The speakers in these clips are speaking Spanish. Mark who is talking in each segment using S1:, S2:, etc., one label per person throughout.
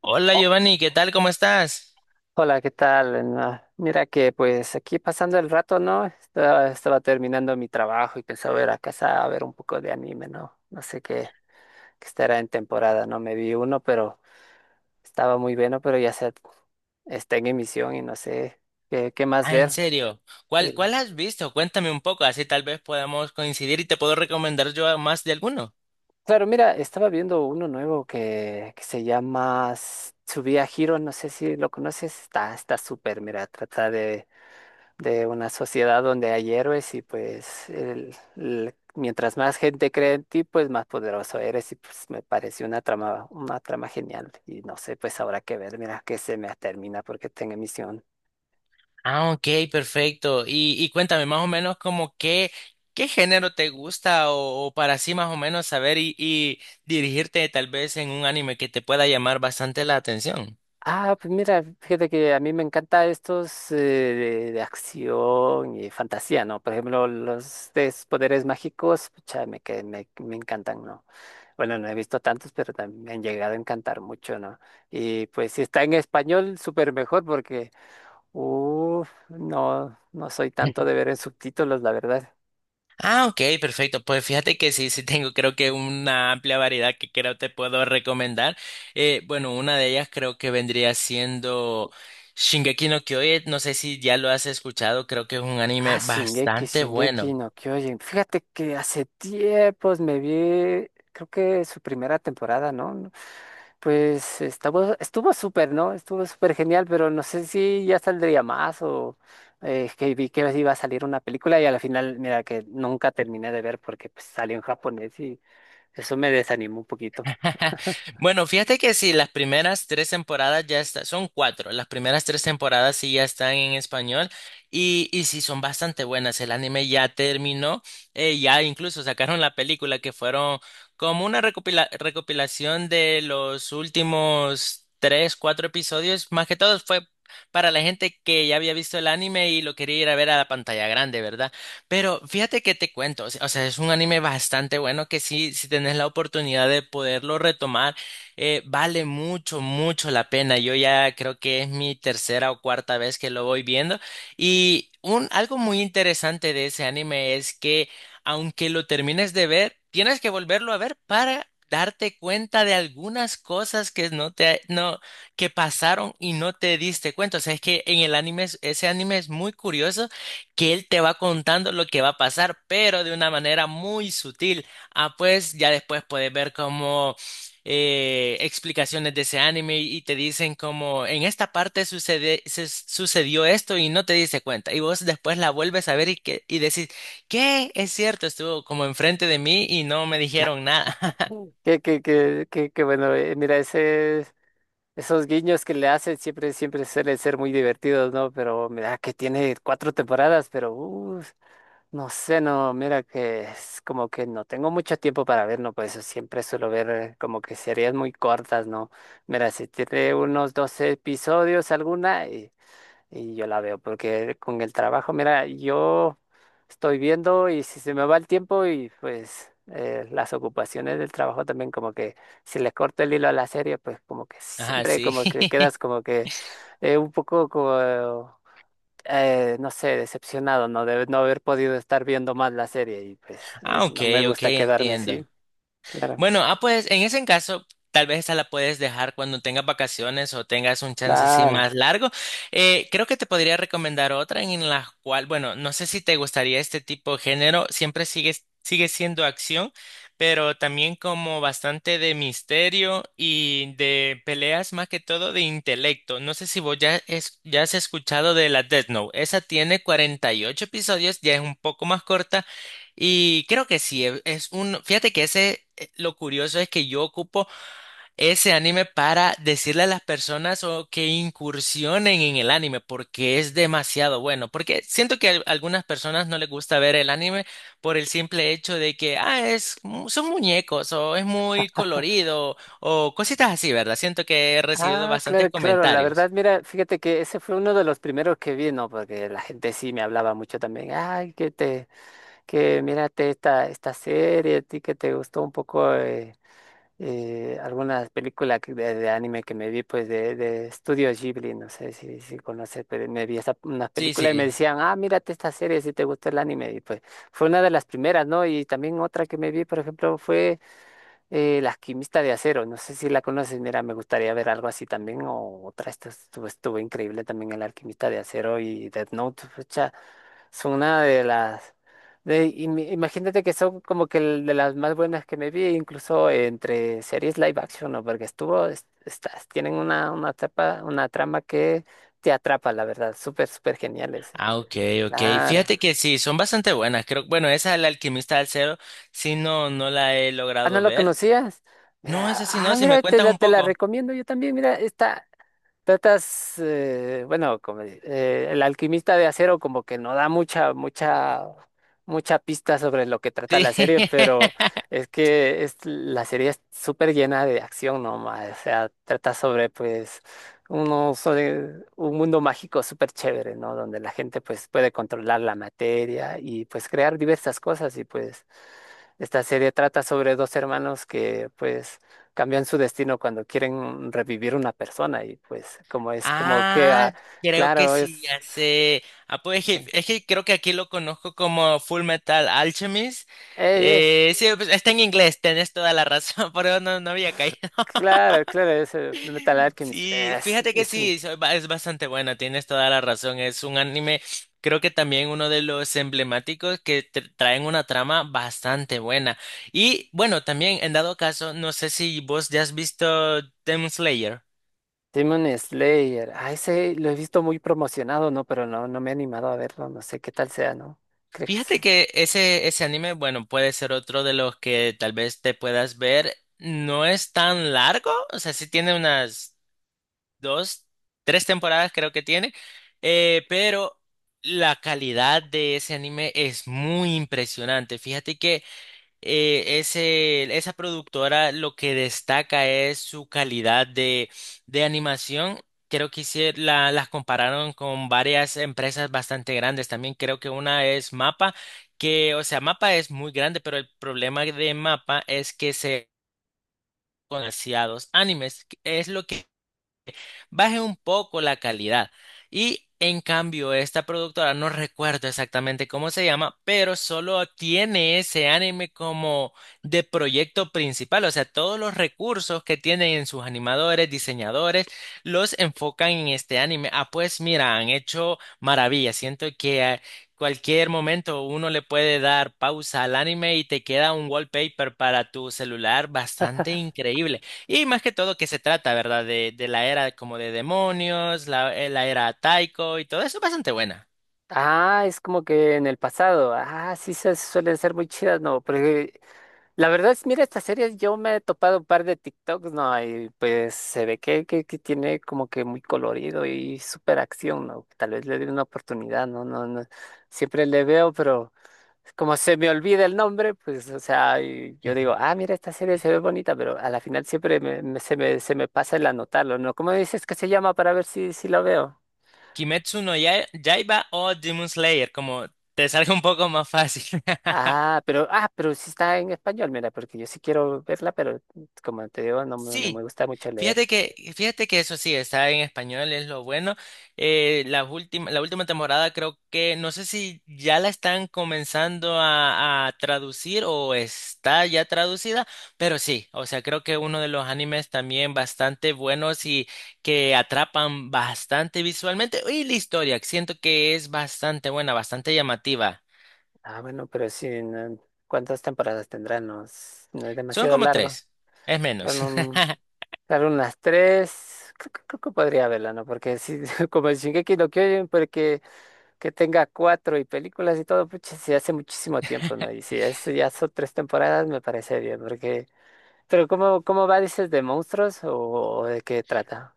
S1: Hola
S2: Oh,
S1: Giovanni, ¿qué tal? ¿Cómo estás?
S2: hola, ¿qué tal? No, mira que pues aquí pasando el rato, ¿no? Estaba terminando mi trabajo y pensaba ir a casa a ver un poco de anime, ¿no? No sé qué estará en temporada, ¿no? Me vi uno, pero estaba muy bueno, pero ya se está en emisión y no sé qué más
S1: Ah, en
S2: ver.
S1: serio.
S2: Eh,
S1: ¿Cuál has visto? Cuéntame un poco, así tal vez podamos coincidir y te puedo recomendar yo a más de alguno.
S2: claro, mira, estaba viendo uno nuevo que se llama Tsubia Hero, no sé si lo conoces, está súper, mira, trata de una sociedad donde hay héroes y pues mientras más gente cree en ti, pues más poderoso eres y pues me pareció una trama genial y no sé, pues habrá que ver, mira que se me termina porque tengo emisión.
S1: Ah, ok, perfecto. Y cuéntame más o menos como qué género te gusta o para así más o menos saber y dirigirte tal vez en un anime que te pueda llamar bastante la atención.
S2: Ah, pues mira, fíjate que a mí me encanta estos de acción y fantasía, ¿no? Por ejemplo, los de esos poderes mágicos, pucha, me encantan, ¿no? Bueno, no he visto tantos, pero también me han llegado a encantar mucho, ¿no? Y pues si está en español, súper mejor porque uf, no, no soy tanto de ver en subtítulos, la verdad.
S1: Ah, ok, perfecto. Pues fíjate que sí, sí tengo creo que una amplia variedad que creo te puedo recomendar. Bueno, una de ellas creo que vendría siendo Shingeki no Kyojin. No sé si ya lo has escuchado, creo que es un
S2: Ah,
S1: anime bastante
S2: Shingeki
S1: bueno.
S2: no Kyojin. Fíjate que hace tiempos me vi, creo que su primera temporada, ¿no? No, pues estuvo súper, ¿no? Estuvo súper genial, pero no sé si ya saldría más o que vi que iba a salir una película y a la final, mira, que nunca terminé de ver porque pues, salió en japonés y eso me desanimó un poquito.
S1: Bueno, fíjate que sí, las primeras tres temporadas ya están, son cuatro, las primeras tres temporadas sí ya están en español y sí son bastante buenas. El anime ya terminó, ya incluso sacaron la película que fueron como una recopilación de los últimos tres, cuatro episodios. Más que todo fue para la gente que ya había visto el anime y lo quería ir a ver a la pantalla grande, ¿verdad? Pero fíjate que te cuento, o sea, es un anime bastante bueno que sí, si tenés la oportunidad de poderlo retomar, vale mucho, mucho la pena. Yo ya creo que es mi tercera o cuarta vez que lo voy viendo. Y un, algo muy interesante de ese anime es que aunque lo termines de ver, tienes que volverlo a ver para darte cuenta de algunas cosas que no te, no, que pasaron y no te diste cuenta. O sea, es que en el anime, ese anime es muy curioso que él te va contando lo que va a pasar, pero de una manera muy sutil. Ah, pues ya después puedes ver como explicaciones de ese anime y te dicen como en esta parte sucedió esto y no te diste cuenta. Y vos después la vuelves a ver y decís, ¿qué? Es cierto, estuvo como enfrente de mí y no me dijeron nada.
S2: Mm. Que bueno, mira, ese... Esos guiños que le hacen siempre, siempre suelen ser muy divertidos, ¿no? Pero mira que tiene cuatro temporadas, pero no sé, no, mira que es como que no tengo mucho tiempo para ver, ¿no? Por eso siempre suelo ver como que series muy cortas, ¿no? Mira, si tiene unos 12 episodios alguna, y yo la veo, porque con el trabajo, mira, yo estoy viendo y si se me va el tiempo y pues las ocupaciones del trabajo también como que si le corto el hilo a la serie, pues como que
S1: Ajá,
S2: siempre
S1: sí.
S2: como que quedas como que un poco como, no sé, decepcionado, ¿no? De no haber podido estar viendo más la serie y pues
S1: Ah, ok,
S2: no me
S1: ok,
S2: gusta quedarme así.
S1: entiendo.
S2: Claro,
S1: Bueno, pues en ese caso, tal vez esa la puedes dejar cuando tengas vacaciones o tengas un chance así
S2: claro.
S1: más largo. Creo que te podría recomendar otra en la cual, bueno, no sé si te gustaría este tipo de género, sigue siendo acción, pero también como bastante de misterio y de peleas más que todo de intelecto. No sé si vos ya has escuchado de la Death Note. Esa tiene 48 episodios, ya es un poco más corta. Y creo que sí, es un, fíjate que ese lo curioso es que yo ocupo ese anime para decirle a las personas o que incursionen en el anime porque es demasiado bueno. Porque siento que a algunas personas no les gusta ver el anime por el simple hecho de que, ah, son muñecos o es muy colorido o cositas así, ¿verdad? Siento que he recibido
S2: Ah,
S1: bastantes
S2: claro, claro. La verdad,
S1: comentarios.
S2: mira, fíjate que ese fue uno de los primeros que vi, ¿no? Porque la gente sí me hablaba mucho también. Ay, que te, que mírate esta serie, a ti que te gustó un poco algunas películas de anime que me vi, pues de Estudio Ghibli, no sé si conoces, pero me vi esa, unas
S1: Sí,
S2: películas y me
S1: sí.
S2: decían, ah, mírate esta serie si te gustó el anime. Y pues fue una de las primeras, ¿no? Y también otra que me vi, por ejemplo, fue. La alquimista de acero, no sé si la conoces, mira, me gustaría ver algo así también, o otra, esta estuvo increíble también el alquimista de acero y Death Note, pucha, son una de las, de, y imagínate que son como que el de las más buenas que me vi, incluso entre series live action, ¿no? Porque estuvo, estas, tienen una tapa, una trama que te atrapa, la verdad, súper, súper geniales,
S1: Ah, ok, ok.
S2: claro.
S1: Fíjate que sí, son bastante buenas. Creo, bueno, esa El Alquimista del Cero, sí, no, no la he
S2: Ah, ¿no
S1: logrado
S2: lo
S1: ver.
S2: conocías?
S1: No,
S2: Mira,
S1: esa sí,
S2: ah,
S1: no, si me
S2: mira,
S1: cuentas un
S2: te la
S1: poco.
S2: recomiendo yo también, mira, esta. Tratas, bueno, como, el alquimista de acero como que no da mucha pista sobre lo que trata
S1: Sí.
S2: la serie, pero es que es, la serie es súper llena de acción nomás, o sea, trata sobre pues uno sobre un mundo mágico súper chévere, ¿no? Donde la gente pues puede controlar la materia y pues crear diversas cosas y pues esta serie trata sobre dos hermanos que pues cambian su destino cuando quieren revivir una persona y pues como es como que,
S1: Ah,
S2: ah,
S1: creo que
S2: claro,
S1: sí, ya sé. Ah, es que creo que aquí lo conozco como Full Metal Alchemist.
S2: eh, es,
S1: Sí, pues, está en inglés, tenés toda la razón, pero no, no había caído.
S2: claro, claro, es Fullmetal Alchemist,
S1: Sí, fíjate que
S2: es un
S1: sí, es bastante buena, tienes toda la razón. Es un anime, creo que también uno de los emblemáticos que traen una trama bastante buena. Y bueno, también en dado caso, no sé si vos ya has visto Demon Slayer.
S2: Demon Slayer, ay, ese lo he visto muy promocionado, ¿no? Pero no, no me he animado a verlo, no sé qué tal sea, ¿no? ¿Crees?
S1: Fíjate que ese anime, bueno, puede ser otro de los que tal vez te puedas ver. No es tan largo, o sea, sí tiene unas dos, tres temporadas creo que tiene, pero la calidad de ese anime es muy impresionante. Fíjate que esa productora lo que destaca es su calidad de animación. Creo que la, las compararon con varias empresas bastante grandes. También creo que una es Mapa, que, o sea, Mapa es muy grande, pero el problema de Mapa es que se demasiados animes. Es lo que baje un poco la calidad. Y en cambio, esta productora, no recuerdo exactamente cómo se llama, pero solo tiene ese anime como de proyecto principal. O sea, todos los recursos que tienen en sus animadores, diseñadores, los enfocan en este anime. Ah, pues mira, han hecho maravillas. Siento que a cualquier momento uno le puede dar pausa al anime y te queda un wallpaper para tu celular bastante increíble. Y más que todo que se trata, ¿verdad? De la era como de demonios, la era Taiko y todo eso es bastante buena.
S2: Ah, es como que en el pasado, ah, sí se suelen ser muy chidas, ¿no? Porque la verdad es, mira, estas series yo me he topado un par de TikToks, ¿no? Y pues se ve que tiene como que muy colorido y súper acción, ¿no? Tal vez le dé una oportunidad, ¿no? No, no, siempre le veo, pero como se me olvida el nombre, pues, o sea, y yo digo, ah, mira, esta serie se ve bonita, pero a la final siempre se me pasa el anotarlo, ¿no? ¿Cómo dices que se llama para ver si, si lo veo?
S1: Kimetsu no Yaiba o Demon Slayer, como te salga un poco más fácil.
S2: Ah, pero sí está en español, mira, porque yo sí quiero verla, pero como te digo, no me, no me
S1: Sí,
S2: gusta mucho leer.
S1: fíjate fíjate que eso sí, está en español, es lo bueno. La última temporada creo que, no sé si ya la están comenzando a traducir o está ya traducida, pero sí, o sea, creo que uno de los animes también bastante buenos y que atrapan bastante visualmente. Y la historia, que siento que es bastante buena, bastante llamativa.
S2: Ah, bueno, pero sí, no- ¿cuántas temporadas tendrá? No, es no es
S1: Son
S2: demasiado
S1: como
S2: largo.
S1: tres, es menos.
S2: Bueno, un- claro, unas tres, creo que podría verla, ¿no? Porque si, como el Shingeki no Kyojin, porque que tenga cuatro y películas y todo, pucha, sí hace muchísimo tiempo, ¿no? Y si es, ya son tres temporadas, me parece bien, porque... Pero ¿cómo, cómo va, dices, de monstruos o de qué trata?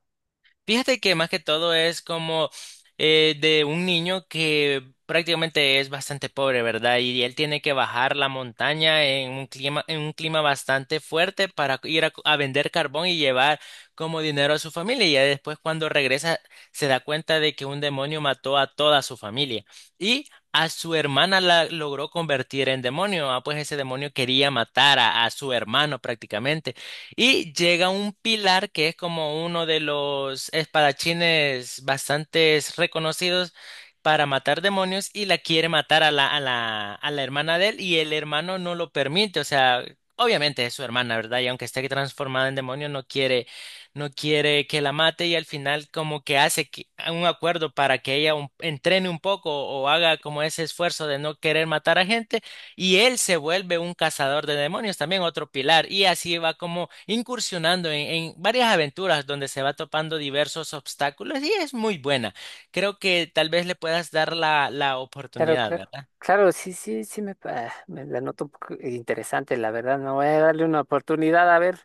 S1: Fíjate que más que todo es como de un niño que prácticamente es bastante pobre, ¿verdad? Y él tiene que bajar la montaña en un en un clima bastante fuerte para ir a vender carbón y llevar como dinero a su familia. Y ya después cuando regresa se da cuenta de que un demonio mató a toda su familia. Y a su hermana la logró convertir en demonio. Ah, pues ese demonio quería matar a su hermano prácticamente. Y llega un pilar que es como uno de los espadachines bastante reconocidos para matar demonios y la quiere matar a a la hermana de él y el hermano no lo permite. O sea, obviamente es su hermana, ¿verdad? Y aunque esté transformada en demonio, no quiere que la mate y al final como que un acuerdo para que ella entrene un poco o haga como ese esfuerzo de no querer matar a gente. Y él se vuelve un cazador de demonios, también otro pilar, y así va como incursionando en varias aventuras donde se va topando diversos obstáculos y es muy buena. Creo que tal vez le puedas dar la
S2: Claro,
S1: oportunidad,
S2: claro.
S1: ¿verdad?
S2: Claro, sí, sí, sí me, me la noto un poco interesante, la verdad. No voy a darle una oportunidad a ver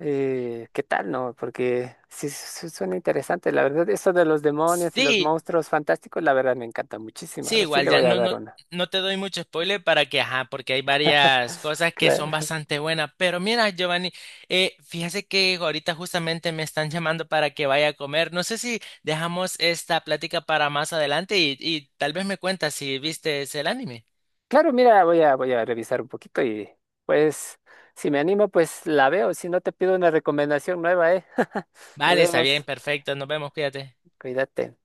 S2: qué tal, ¿no? Porque sí, suena interesante, la verdad. Eso de los demonios y los
S1: Sí,
S2: monstruos fantásticos, la verdad me encanta muchísimo. A
S1: sí,
S2: ver si
S1: igual
S2: le
S1: ya
S2: voy a dar una.
S1: no te doy mucho spoiler para que, ajá, porque hay varias cosas que son
S2: Claro,
S1: bastante buenas. Pero mira, Giovanni, fíjese que ahorita justamente me están llamando para que vaya a comer. No sé si dejamos esta plática para más adelante y tal vez me cuentas si viste el anime.
S2: claro, mira, voy a revisar un poquito y pues si me animo, pues la veo. Si no, te pido una recomendación nueva, ¿eh? Nos
S1: Vale, está bien,
S2: vemos.
S1: perfecto. Nos vemos, cuídate.
S2: Cuídate.